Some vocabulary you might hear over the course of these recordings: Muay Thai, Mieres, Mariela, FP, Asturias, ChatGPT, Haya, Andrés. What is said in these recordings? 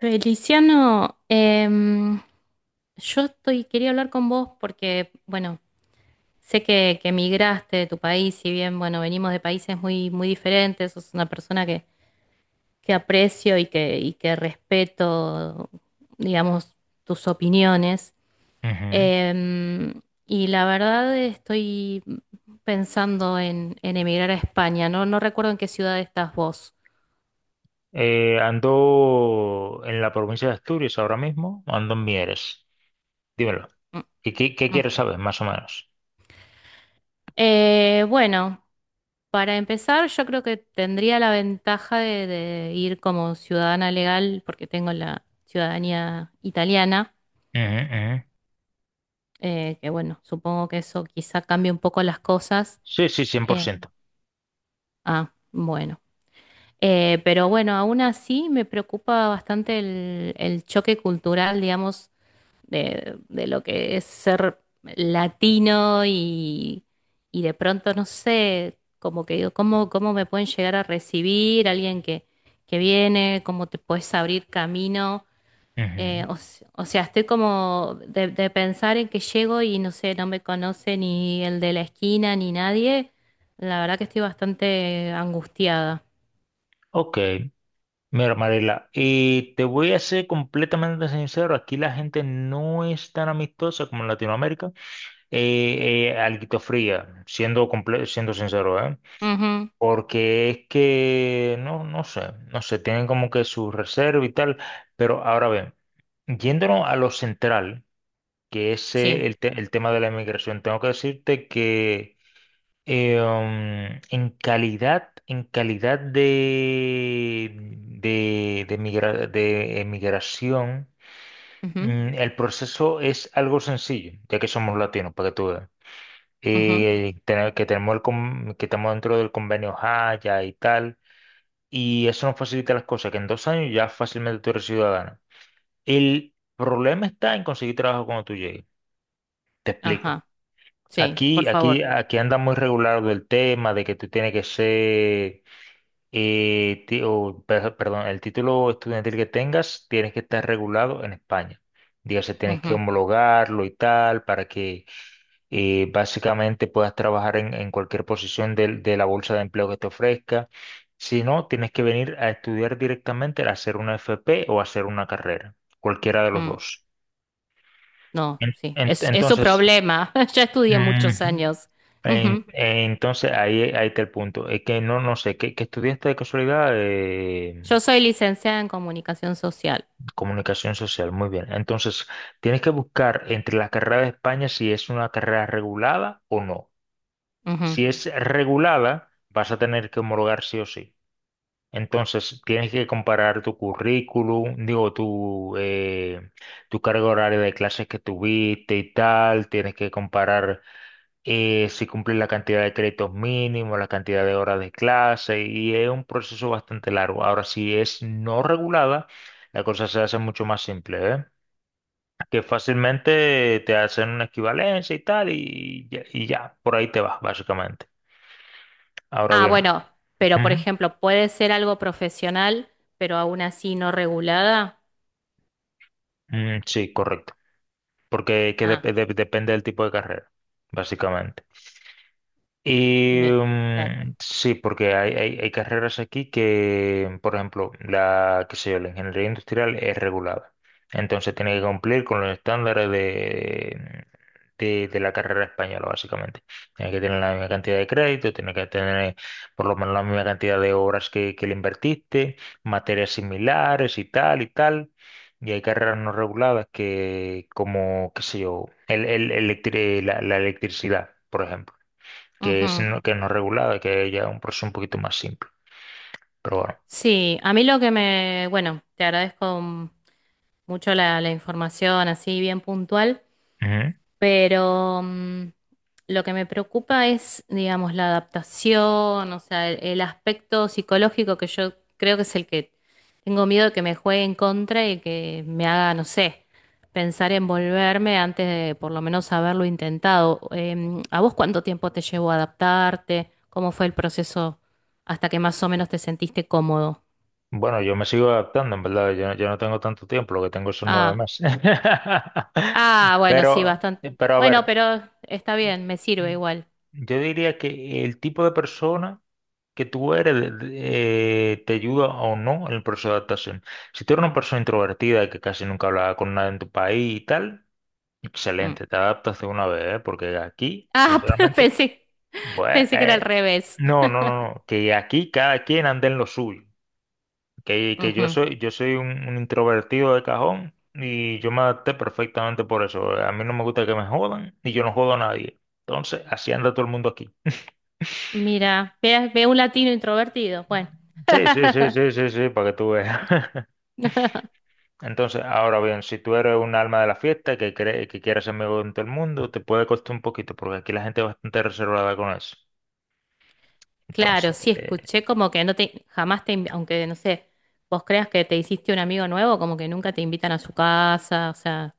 Feliciano, yo estoy, quería hablar con vos porque, bueno, sé que emigraste de tu país, si bien, bueno, venimos de países muy, muy diferentes, sos una persona que aprecio y que respeto, digamos, tus opiniones. Ujú. Y la verdad estoy pensando en emigrar a España, ¿no? No recuerdo en qué ciudad estás vos. Ando en la provincia de Asturias ahora mismo, ando en Mieres. Dímelo. Mm, ¿Qué mm. quieres saber, más o menos? Bueno. Para empezar, yo creo que tendría la ventaja de ir como ciudadana legal, porque tengo la ciudadanía italiana, Ujú, ujú. Que bueno, supongo que eso quizá cambie un poco las cosas. Sí, sí, Eh, 100%. Bueno. Pero bueno, aún así me preocupa bastante el choque cultural, digamos, de lo que es ser latino y de pronto, no sé, como que digo, ¿cómo, cómo me pueden llegar a recibir alguien que viene? ¿Cómo te puedes abrir camino? Ujú. O sea, estoy como de pensar en que llego y no sé, no me conoce ni el de la esquina ni nadie. La verdad que estoy bastante angustiada. Ok, mira, Mariela, y te voy a ser completamente sincero, aquí la gente no es tan amistosa como en Latinoamérica, alguito fría, siendo, siendo sincero, ¿eh? Ujú. Porque es que, no, no sé, tienen como que su reserva y tal, pero ahora bien. Yéndonos a lo central, que es Sí. El tema de la inmigración, tengo que decirte que en calidad de, de emigración. Ujú, El proceso es algo sencillo, ya que somos latinos, para que tú veas. ujú. Que tenemos que estamos dentro del convenio Haya y tal, y eso nos facilita las cosas, que en 2 años ya fácilmente tú eres ciudadano. El problema está en conseguir trabajo cuando tú llegues. Te explico. Ajá. Sí, por favor. Aquí anda muy regular del tema de que tú tienes que ser, perdón, el título estudiantil que tengas, tienes que estar regulado en España. Dígase, tienes que Ujú. homologarlo y tal para que básicamente puedas trabajar en cualquier posición de la bolsa de empleo que te ofrezca. Si no, tienes que venir a estudiar directamente, a hacer una FP o a hacer una carrera, cualquiera de los mm. dos. No, En- sí, en- es su entonces... problema. Yo estudié muchos Ujú. años. En- Ujú. entonces, ahí está el punto. Es que no sé, que estudiaste de casualidad Yo soy licenciada en comunicación social. comunicación social. Muy bien. Entonces, tienes que buscar entre las carreras de España si es una carrera regulada o no. Ujú. Si es regulada, vas a tener que homologar sí o sí. Entonces, tienes que comparar tu currículum, digo, tu carga horaria de clases que tuviste y tal. Tienes que comparar si cumplir la cantidad de créditos mínimos, la cantidad de horas de clase, y es un proceso bastante largo. Ahora, si es no regulada, la cosa se hace mucho más simple, ¿eh? Que fácilmente te hacen una equivalencia y tal, y ya, por ahí te vas, básicamente. Ahora Ah, bien, bueno, pero por ujú. ejemplo, puede ser algo profesional, pero aún así no regulada. Sí, correcto, porque Ah, depende del tipo de carrera, básicamente. Y ve, claro. Sí, porque hay carreras aquí que, por ejemplo, la, qué sé yo, la ingeniería industrial es regulada. Entonces tiene que cumplir con los estándares de, de la carrera española, básicamente. Tiene que tener la misma cantidad de crédito, tiene que tener por lo menos la misma cantidad de horas que le invertiste, materias similares y tal y tal. Y hay carreras no reguladas que, como, qué sé yo, el, electri- la la electricidad, por ejemplo Ujú. Que no regulada, que ya es un proceso un poquito más simple. Pero bueno. Sí, a mí lo que me, bueno, te agradezco mucho la, la información así bien puntual. Ujú. Pero lo que me preocupa es, digamos, la adaptación, o sea, el aspecto psicológico que yo creo que es el que tengo miedo de que me juegue en contra y que me haga, no sé, pensar en volverme antes de por lo menos haberlo intentado. ¿A vos cuánto tiempo te llevó a adaptarte? ¿Cómo fue el proceso hasta que más o menos te sentiste cómodo? Bueno, yo me sigo adaptando, en verdad. Yo no tengo tanto tiempo, lo que tengo son nueve Ah, meses. Bueno, sí, Pero, bastante. pero a Bueno, ver, pero está bien, me sirve igual. yo diría que el tipo de persona que tú eres te ayuda o no en el proceso de adaptación. Si tú eres una persona introvertida que casi nunca hablaba con nadie en tu país y tal, Mm. excelente, te adaptas de una vez, ¿eh? Porque aquí, Ah, sinceramente. pensé. Bueno, Pensé que era al revés. no, no, no, no, que aquí cada quien anda en lo suyo, que yo Ujú. soy, yo soy un introvertido de cajón y yo me adapté perfectamente por eso. A mí no me gusta que me jodan y yo no jodo a nadie. Entonces, así anda todo el mundo aquí. Mira, ve, ve un latino introvertido. Bueno. Sí, sí, sí, sí, sí, sí, para que tú veas. Entonces, ahora bien, si tú eres un alma de la fiesta que cree, que quiere ser amigo de todo el mundo, te puede costar un poquito, porque aquí la gente es bastante reservada con eso. Claro, Entonces. sí eh, escuché como que no te, jamás te, invi- aunque no sé, vos creas que te hiciste un amigo nuevo, como que nunca te invitan a su casa, o sea,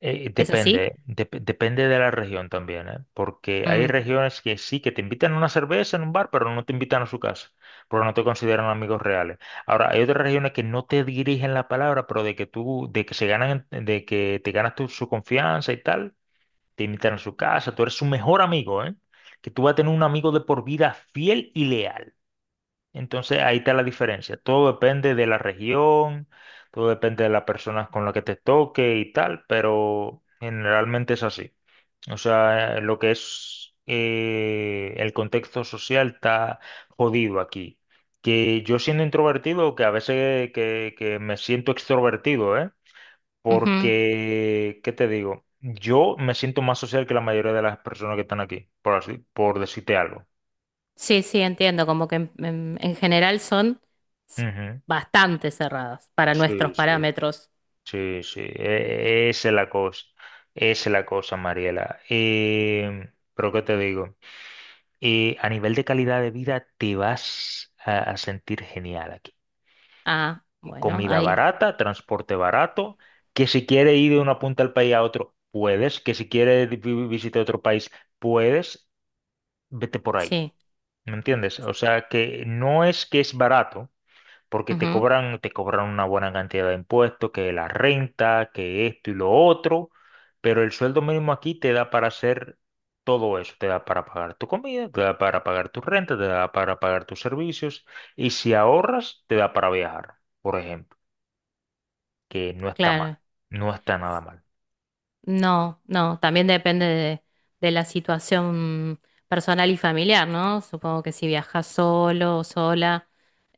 Eh, ¿es depende, así? dep- depende de la región también, ¿eh? Porque hay Mm, regiones que sí, que te invitan a una cerveza en un bar, pero no te invitan a su casa, porque no te consideran amigos reales. Ahora, hay otras regiones que no te dirigen la palabra, pero de que tú, de que se ganan, de que te ganas tú su confianza y tal, te invitan a su casa, tú eres su mejor amigo, ¿eh? Que tú vas a tener un amigo de por vida fiel y leal. Entonces ahí está la diferencia. Todo depende de la región, todo depende de las personas con las que te toque y tal, pero generalmente es así. O sea, lo que es el contexto social está jodido aquí. Que yo siendo introvertido, que a veces que me siento extrovertido, ¿eh? ujú. Porque, ¿qué te digo? Yo me siento más social que la mayoría de las personas que están aquí, por así, por decirte algo. Sí, sí, entiendo, como que en general son s- Ujú. bastante cerradas para nuestros Sí, sí. parámetros. Sí, sí, esa es la cosa, esa es la cosa, Mariela. Pero ¿qué te digo? A nivel de calidad de vida te vas a sentir genial aquí. Ah, bueno, Comida ahí, barata, transporte barato, que si quieres ir de una punta del país a otro, puedes, que si quieres visitar otro país, puedes, vete por ahí, sí, ¿me entiendes? O sea que no es que es barato. Porque te ujú, cobran, te cobran una buena cantidad de impuestos, que la renta, que esto y lo otro, pero el sueldo mínimo aquí te da para hacer todo eso, te da para pagar tu comida, te da para pagar tu renta, te da para pagar tus servicios, y si ahorras, te da para viajar, por ejemplo, que no está mal, claro. no está nada mal. No, no, también depende de la situación personal y familiar, ¿no? Supongo que si viajas solo o sola,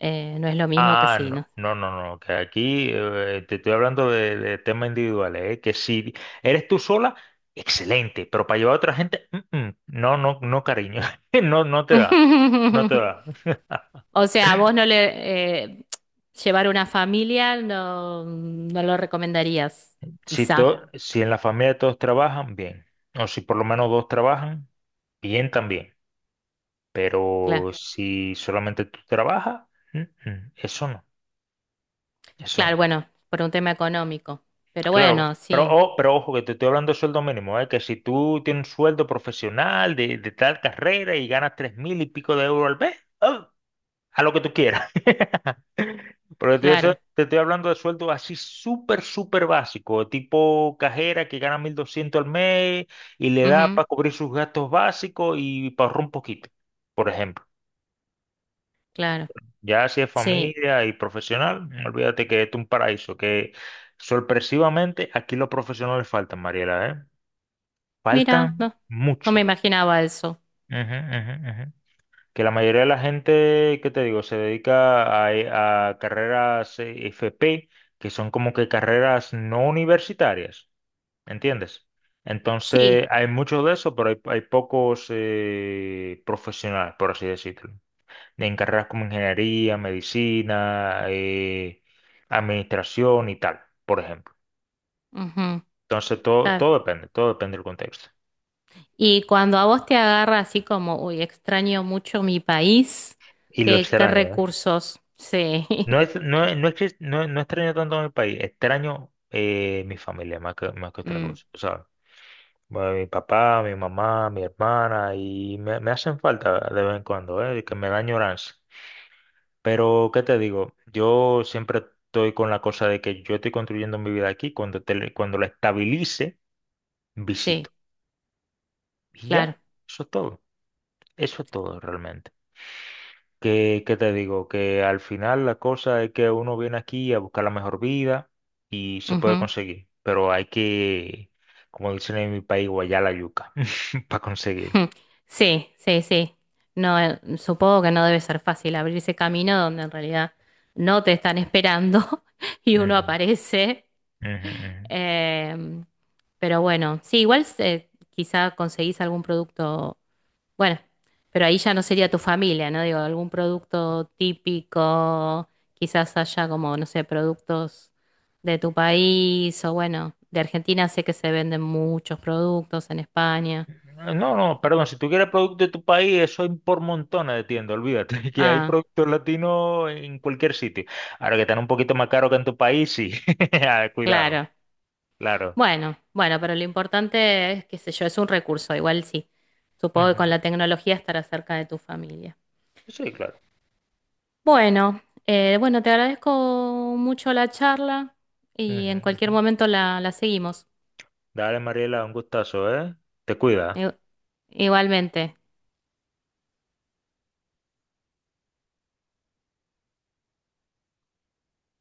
no es lo mismo que Ah, si, no, ¿no? no, no, no, que aquí te estoy hablando de temas individuales, ¿eh? Que si eres tú sola, excelente, pero para llevar a otra gente, no, no, no, cariño, no, no te da, no te da. O sea, a vos no le... llevar una familia no, no lo recomendarías, Si, quizá. to- si en la familia todos trabajan, bien, o si por lo menos dos trabajan, bien también, Claro, pero si solamente tú trabajas, mm, eso no, eso claro, no. bueno, por un tema económico. Pero Claro, bueno, pero, sí, o- pero ojo que te estoy hablando de sueldo mínimo, ¿eh? Que si tú tienes un sueldo profesional de tal carrera y ganas 3.000 y pico de euros al mes, ¡ah! A lo que tú quieras. Pero te, estoy claro. te estoy hablando de sueldo así súper, súper básico, tipo cajera que gana 1.200 al mes y le da Ujú, para cubrir sus gastos básicos y para ahorrar un poquito, por ejemplo. claro, Ya si es sí. familia y profesional, olvídate que esto es un paraíso, que sorpresivamente aquí los profesionales faltan, Mariela, ¿eh? Mira, Faltan no, no me mucho. imaginaba eso. Ujú, ujú, ujú. Que la mayoría de la gente, ¿qué te digo? Se dedica a carreras FP, que son como que carreras no universitarias, ¿entiendes? Entonces, Sí, hay mucho de eso, pero hay pocos profesionales, por así decirlo. En carreras como ingeniería, medicina, administración y tal, por ejemplo. ujú, Entonces, todo, está. todo depende, todo depende del contexto. Y cuando a vos te agarra así como, uy, extraño mucho mi país, Y lo ¿qué, qué extraño, ¿eh? recursos? Sí, No, es, no, es- no, es que- no, no extraño tanto a mi país, extraño mi familia más que otra Mm, cosa. O sea, bueno, mi papá, mi mamá, mi hermana, y me hacen falta de vez en cuando, que me da añoranza. Pero, ¿qué te digo? Yo siempre estoy con la cosa de que yo estoy construyendo mi vida aquí, cuando la estabilice, visito. sí, Y ya, claro. eso es todo, eso es todo realmente. Que, ¿qué te digo? Que al final la cosa es que uno viene aquí a buscar la mejor vida y se puede conseguir, pero hay que, como dicen en mi país, guayar la yuca para conseguir. Sí, sí, sí. No, supongo que no debe ser fácil abrirse camino donde en realidad no te están esperando y uno Ujú, aparece. ujú, ujú. Em, pero bueno, sí, igual quizá conseguís algún producto, bueno, pero ahí ya no sería tu familia, ¿no? Digo, algún producto típico, quizás haya como, no sé, productos de tu país o bueno, de Argentina sé que se venden muchos productos en España. No, no, perdón, si tú quieres producto de tu país, eso hay por montones de tiendas, olvídate, que hay Ah. productos latinos en cualquier sitio. Ahora que están un poquito más caros que en tu país, sí, ah, cuidado, Claro. claro. Bueno, bueno, pero lo importante es, qué sé yo, es un recurso, igual sí. Supongo que Ujú. con la tecnología estará cerca de tu familia. Sí, claro. Bueno, bueno, te agradezco mucho la charla y Ujú, en cualquier ujú. momento la, la seguimos. Dale, Mariela, un gustazo, ¿eh? Te cuida. I- Igualmente.